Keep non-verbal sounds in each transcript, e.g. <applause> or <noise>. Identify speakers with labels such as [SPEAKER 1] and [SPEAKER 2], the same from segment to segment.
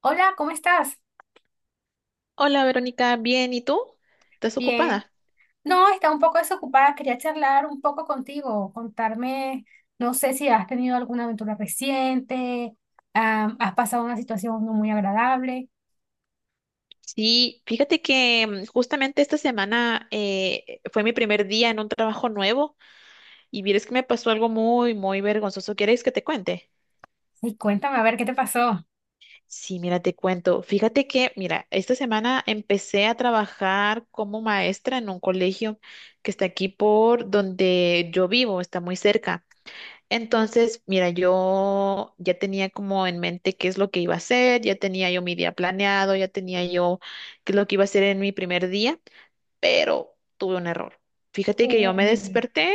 [SPEAKER 1] Hola, ¿cómo estás?
[SPEAKER 2] Hola Verónica, bien, ¿y tú? ¿Estás
[SPEAKER 1] Bien.
[SPEAKER 2] ocupada?
[SPEAKER 1] No, está un poco desocupada. Quería charlar un poco contigo, contarme, no sé si has tenido alguna aventura reciente, has pasado una situación no muy agradable.
[SPEAKER 2] Sí, fíjate que justamente esta semana fue mi primer día en un trabajo nuevo y vieres que me pasó algo muy, muy vergonzoso. ¿Quieres que te cuente?
[SPEAKER 1] Y cuéntame, a ver, ¿qué te pasó?
[SPEAKER 2] Sí, mira, te cuento. Fíjate que, mira, esta semana empecé a trabajar como maestra en un colegio que está aquí por donde yo vivo, está muy cerca. Entonces, mira, yo ya tenía como en mente qué es lo que iba a hacer, ya tenía yo mi día planeado, ya tenía yo qué es lo que iba a hacer en mi primer día, pero tuve un error. Fíjate que yo me
[SPEAKER 1] Uy,
[SPEAKER 2] desperté,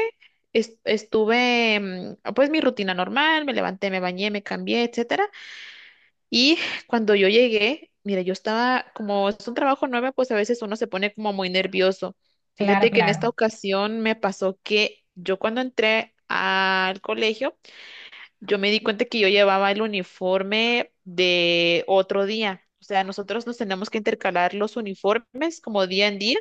[SPEAKER 2] estuve, pues mi rutina normal, me levanté, me bañé, me cambié, etcétera, y <laughs> cuando yo llegué, mira, yo estaba como es un trabajo nuevo, pues a veces uno se pone como muy nervioso.
[SPEAKER 1] claro,
[SPEAKER 2] Fíjate que en esta
[SPEAKER 1] claro.
[SPEAKER 2] ocasión me pasó que yo cuando entré al colegio yo me di cuenta que yo llevaba el uniforme de otro día. O sea, nosotros nos tenemos que intercalar los uniformes como día en día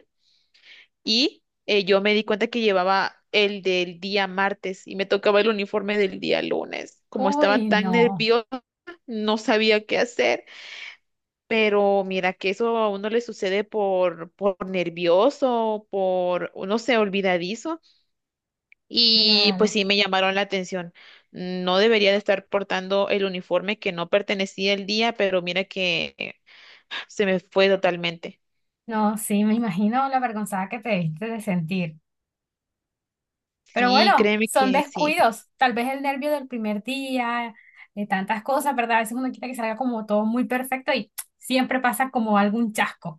[SPEAKER 2] y yo me di cuenta que llevaba el del día martes y me tocaba el uniforme del día lunes. Como estaba
[SPEAKER 1] Uy,
[SPEAKER 2] tan
[SPEAKER 1] no,
[SPEAKER 2] nerviosa, no sabía qué hacer, pero mira que eso a uno le sucede por nervioso, por, no sé, olvidadizo. Y pues
[SPEAKER 1] claro.
[SPEAKER 2] sí me llamaron la atención. No debería de estar portando el uniforme que no pertenecía el día, pero mira que se me fue totalmente.
[SPEAKER 1] No, sí, me imagino la vergonzada que te diste de sentir. Pero
[SPEAKER 2] Sí,
[SPEAKER 1] bueno,
[SPEAKER 2] créeme
[SPEAKER 1] son
[SPEAKER 2] que sí.
[SPEAKER 1] descuidos. Tal vez el nervio del primer día, de tantas cosas, ¿verdad? A veces uno quiere que salga como todo muy perfecto y siempre pasa como algún chasco.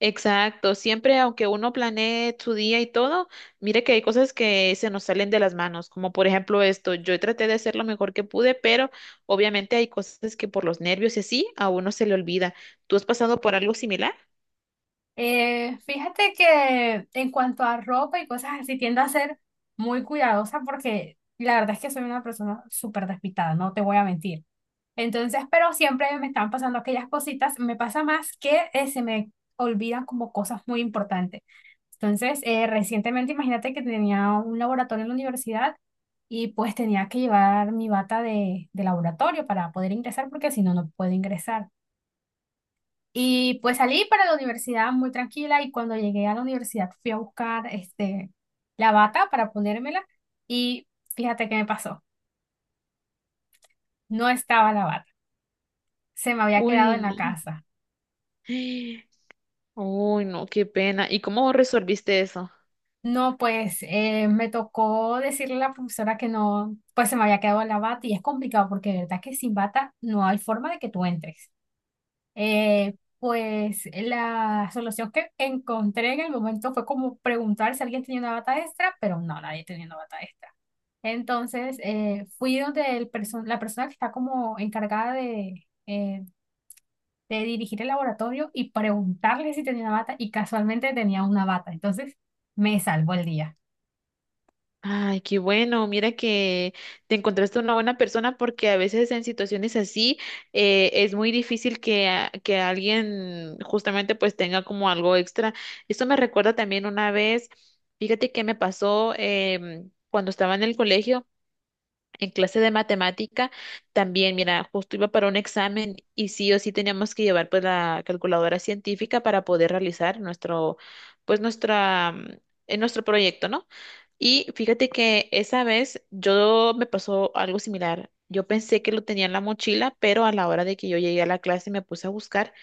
[SPEAKER 2] Exacto. Siempre, aunque uno planee su día y todo, mire que hay cosas que se nos salen de las manos, como por ejemplo esto. Yo traté de hacer lo mejor que pude, pero obviamente hay cosas que por los nervios y así a uno se le olvida. ¿Tú has pasado por algo similar?
[SPEAKER 1] Fíjate que en cuanto a ropa y cosas así, tiendo a ser muy cuidadosa porque la verdad es que soy una persona súper despistada, no te voy a mentir. Entonces, pero siempre me están pasando aquellas cositas, me pasa más que se me olvidan como cosas muy importantes. Entonces, recientemente imagínate que tenía un laboratorio en la universidad y pues tenía que llevar mi bata de laboratorio para poder ingresar porque si no, no puedo ingresar. Y pues salí para la universidad muy tranquila y cuando llegué a la universidad fui a buscar este, la bata para ponérmela y fíjate qué me pasó, no estaba la bata, se me había
[SPEAKER 2] Uy,
[SPEAKER 1] quedado en la casa.
[SPEAKER 2] no. Uy, no, qué pena. ¿Y cómo resolviste eso?
[SPEAKER 1] No, pues me tocó decirle a la profesora que no, pues se me había quedado la bata y es complicado porque de verdad que sin bata no hay forma de que tú entres. Pues la solución que encontré en el momento fue como preguntar si alguien tenía una bata extra, pero no, nadie tenía una bata extra. Entonces fui donde la persona que está como encargada de dirigir el laboratorio y preguntarle si tenía una bata y casualmente tenía una bata. Entonces me salvó el día.
[SPEAKER 2] Ay, qué bueno. Mira que te encontraste una buena persona porque a veces en situaciones así es muy difícil que, que alguien justamente pues tenga como algo extra. Esto me recuerda también una vez, fíjate que me pasó cuando estaba en el colegio. En clase de matemática también, mira, justo iba para un examen y sí o sí teníamos que llevar pues la calculadora científica para poder realizar nuestro, pues nuestra, nuestro proyecto, ¿no? Y fíjate que esa vez yo me pasó algo similar. Yo pensé que lo tenía en la mochila, pero a la hora de que yo llegué a la clase me puse a buscar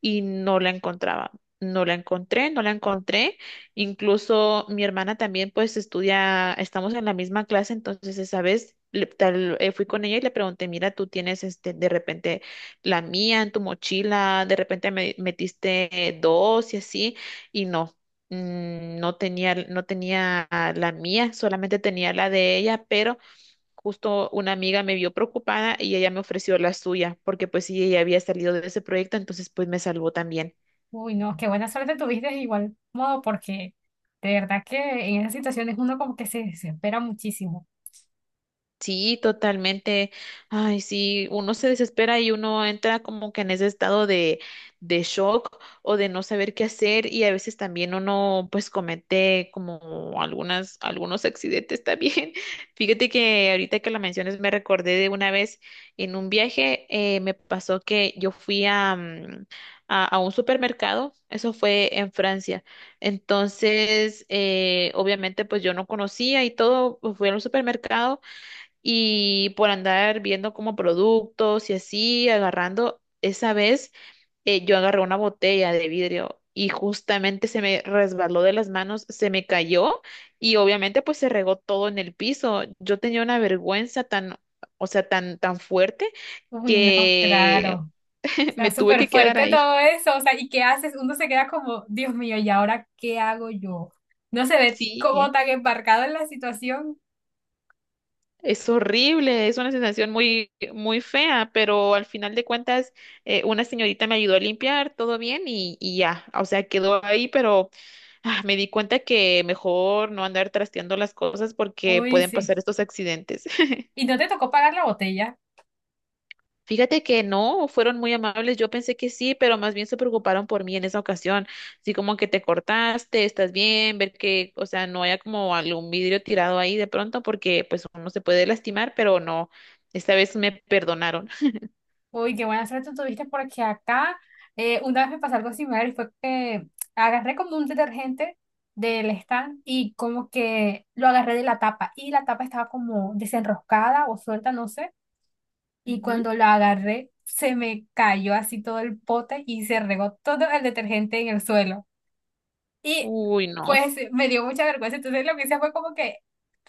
[SPEAKER 2] y no la encontraba. No la encontré, no la encontré. Incluso mi hermana también pues estudia, estamos en la misma clase, entonces esa vez fui con ella y le pregunté, mira, tú tienes este, de repente la mía en tu mochila, de repente me metiste dos y así, y no, no tenía, no tenía la mía, solamente tenía la de ella, pero justo una amiga me vio preocupada y ella me ofreció la suya, porque pues sí, ella había salido de ese proyecto, entonces pues me salvó también.
[SPEAKER 1] Uy, no, qué buena suerte tuviste de igual modo, porque de verdad que en esas situaciones uno como que se desespera muchísimo.
[SPEAKER 2] Sí, totalmente. Ay, sí, uno se desespera y uno entra como que en ese estado de shock o de no saber qué hacer y a veces también uno pues comete como algunas, algunos accidentes también. <laughs> Fíjate que ahorita que lo mencionas me recordé de una vez en un viaje, me pasó que yo fui a un supermercado, eso fue en Francia. Entonces, obviamente pues yo no conocía y todo, pues, fui al supermercado y por andar viendo como productos y así, agarrando, esa vez yo agarré una botella de vidrio y justamente se me resbaló de las manos, se me cayó y obviamente pues se regó todo en el piso. Yo tenía una vergüenza tan, o sea, tan fuerte
[SPEAKER 1] Uy, no,
[SPEAKER 2] que
[SPEAKER 1] claro. O
[SPEAKER 2] <laughs>
[SPEAKER 1] sea,
[SPEAKER 2] me tuve
[SPEAKER 1] súper
[SPEAKER 2] que quedar
[SPEAKER 1] fuerte
[SPEAKER 2] ahí.
[SPEAKER 1] todo eso. O sea, ¿y qué haces? Uno se queda como, Dios mío, ¿y ahora qué hago yo? No se ve como
[SPEAKER 2] Sí.
[SPEAKER 1] tan embarcado en la situación.
[SPEAKER 2] Es horrible, es una sensación muy, muy fea, pero al final de cuentas, una señorita me ayudó a limpiar, todo bien y ya, o sea, quedó ahí, pero me di cuenta que mejor no andar trasteando las cosas porque
[SPEAKER 1] Uy,
[SPEAKER 2] pueden
[SPEAKER 1] sí.
[SPEAKER 2] pasar estos accidentes. <laughs>
[SPEAKER 1] ¿Y no te tocó pagar la botella?
[SPEAKER 2] Fíjate que no, fueron muy amables. Yo pensé que sí, pero más bien se preocuparon por mí en esa ocasión. Así como que te cortaste, estás bien, ver que, o sea, no haya como algún vidrio tirado ahí de pronto, porque pues uno se puede lastimar, pero no. Esta vez me perdonaron.
[SPEAKER 1] Uy, qué buena suerte tuviste porque acá una vez me pasó algo similar y fue que agarré como un detergente del stand y como que lo agarré de la tapa y la tapa estaba como desenroscada o suelta, no sé, y
[SPEAKER 2] Ujú.
[SPEAKER 1] cuando la agarré se me cayó así todo el pote y se regó todo el detergente en el suelo. Y
[SPEAKER 2] Uy, no.
[SPEAKER 1] pues me dio mucha vergüenza, entonces lo que hice fue como que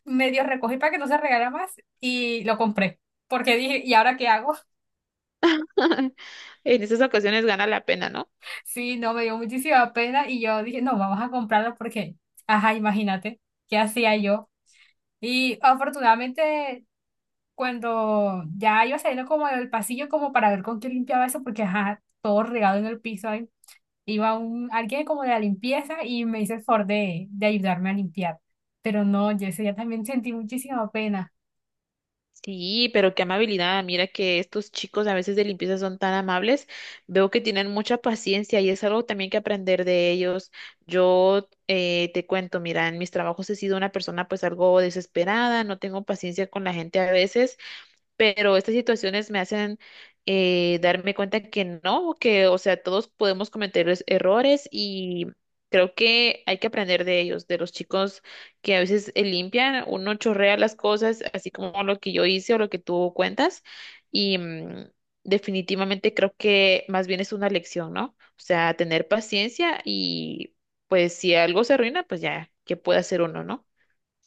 [SPEAKER 1] medio recogí para que no se regara más y lo compré porque dije, ¿y ahora qué hago?
[SPEAKER 2] <laughs> En esas ocasiones gana la pena, ¿no?
[SPEAKER 1] Sí, no, me dio muchísima pena y yo dije, no, vamos a comprarlo porque, ajá, imagínate, ¿qué hacía yo? Y afortunadamente, cuando ya iba saliendo como del pasillo como para ver con qué limpiaba eso, porque, ajá, todo regado en el piso, ahí, iba un, alguien como de la limpieza y me hizo el favor de ayudarme a limpiar. Pero no, yo ese día también sentí muchísima pena.
[SPEAKER 2] Sí, pero qué amabilidad. Mira que estos chicos a veces de limpieza son tan amables. Veo que tienen mucha paciencia y es algo también que aprender de ellos. Yo te cuento, mira, en mis trabajos he sido una persona pues algo desesperada, no tengo paciencia con la gente a veces pero estas situaciones me hacen darme cuenta que no, que, o sea, todos podemos cometer errores y creo que hay que aprender de ellos, de los chicos que a veces limpian, uno chorrea las cosas, así como lo que yo hice o lo que tú cuentas, y definitivamente creo que más bien es una lección, ¿no? O sea, tener paciencia y pues si algo se arruina, pues ya, ¿qué puede hacer uno, no?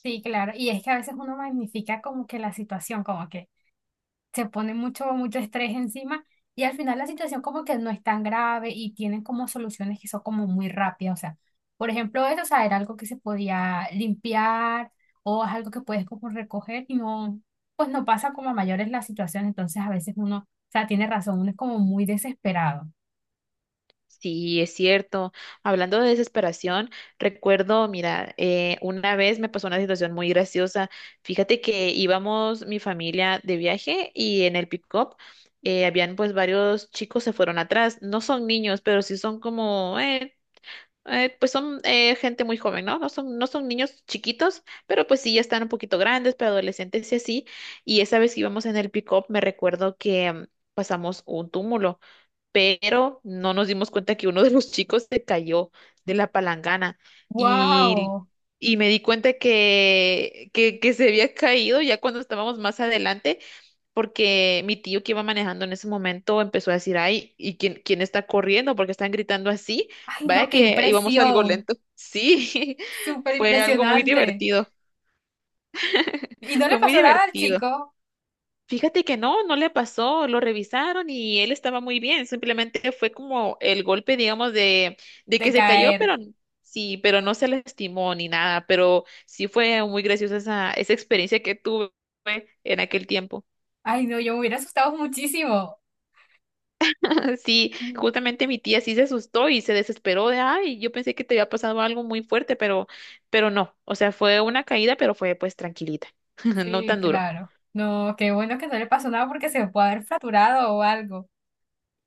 [SPEAKER 1] Sí, claro, y es que a veces uno magnifica como que la situación, como que se pone mucho, mucho estrés encima y al final la situación como que no es tan grave y tienen como soluciones que son como muy rápidas. O sea, por ejemplo, eso, o sea, era algo que se podía limpiar o es algo que puedes como recoger y no, pues no pasa como a mayores la situación. Entonces a veces uno, o sea, tiene razón, uno es como muy desesperado.
[SPEAKER 2] Sí, es cierto. Hablando de desesperación, recuerdo, mira, una vez me pasó una situación muy graciosa. Fíjate que íbamos mi familia de viaje y en el pick-up habían pues varios chicos se fueron atrás. No son niños, pero sí son como, pues son gente muy joven, ¿no? No son niños chiquitos, pero pues sí ya están un poquito grandes, pero adolescentes y así. Y esa vez que íbamos en el pick-up, me recuerdo que pasamos un túmulo pero no nos dimos cuenta que uno de los chicos se cayó de la palangana y,
[SPEAKER 1] ¡Wow!
[SPEAKER 2] y me di cuenta que, que se había caído ya cuando estábamos más adelante, porque mi tío que iba manejando en ese momento empezó a decir, ay, ¿y quién está corriendo? Porque están gritando así.
[SPEAKER 1] ¡Ay, no,
[SPEAKER 2] Vaya
[SPEAKER 1] qué
[SPEAKER 2] que íbamos algo
[SPEAKER 1] impresión!
[SPEAKER 2] lento. Sí, <laughs>
[SPEAKER 1] Súper
[SPEAKER 2] fue algo muy
[SPEAKER 1] impresionante.
[SPEAKER 2] divertido,
[SPEAKER 1] ¿Y no le
[SPEAKER 2] fue muy
[SPEAKER 1] pasó nada al
[SPEAKER 2] divertido.
[SPEAKER 1] chico
[SPEAKER 2] Fíjate que no, no le pasó, lo revisaron y él estaba muy bien, simplemente fue como el golpe, digamos, de
[SPEAKER 1] de
[SPEAKER 2] que se cayó,
[SPEAKER 1] caer?
[SPEAKER 2] pero sí, pero no se lastimó ni nada, pero sí fue muy graciosa esa experiencia que tuve en aquel tiempo.
[SPEAKER 1] Ay, no, yo me hubiera asustado muchísimo.
[SPEAKER 2] <laughs> Sí, justamente mi tía sí se asustó y se desesperó de, ay, yo pensé que te había pasado algo muy fuerte, pero, no, o sea, fue una caída, pero fue pues tranquilita, <laughs> no
[SPEAKER 1] Sí,
[SPEAKER 2] tan duro.
[SPEAKER 1] claro. No, qué bueno que no le pasó nada porque se puede haber fracturado o algo.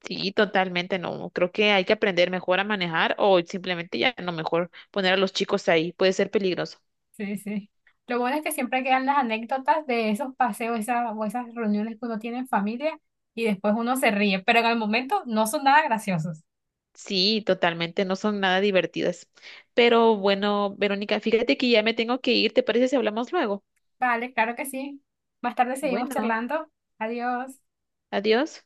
[SPEAKER 2] Sí, totalmente, no. Creo que hay que aprender mejor a manejar o simplemente ya no mejor poner a los chicos ahí. Puede ser peligroso.
[SPEAKER 1] Sí, sí. Lo bueno es que siempre quedan las anécdotas de esos paseos, esas, o esas reuniones que uno tiene en familia y después uno se ríe, pero en el momento no son nada graciosos.
[SPEAKER 2] Sí, totalmente, no son nada divertidas. Pero bueno, Verónica, fíjate que ya me tengo que ir. ¿Te parece si hablamos luego?
[SPEAKER 1] Vale, claro que sí. Más tarde seguimos
[SPEAKER 2] Bueno,
[SPEAKER 1] charlando. Adiós.
[SPEAKER 2] adiós.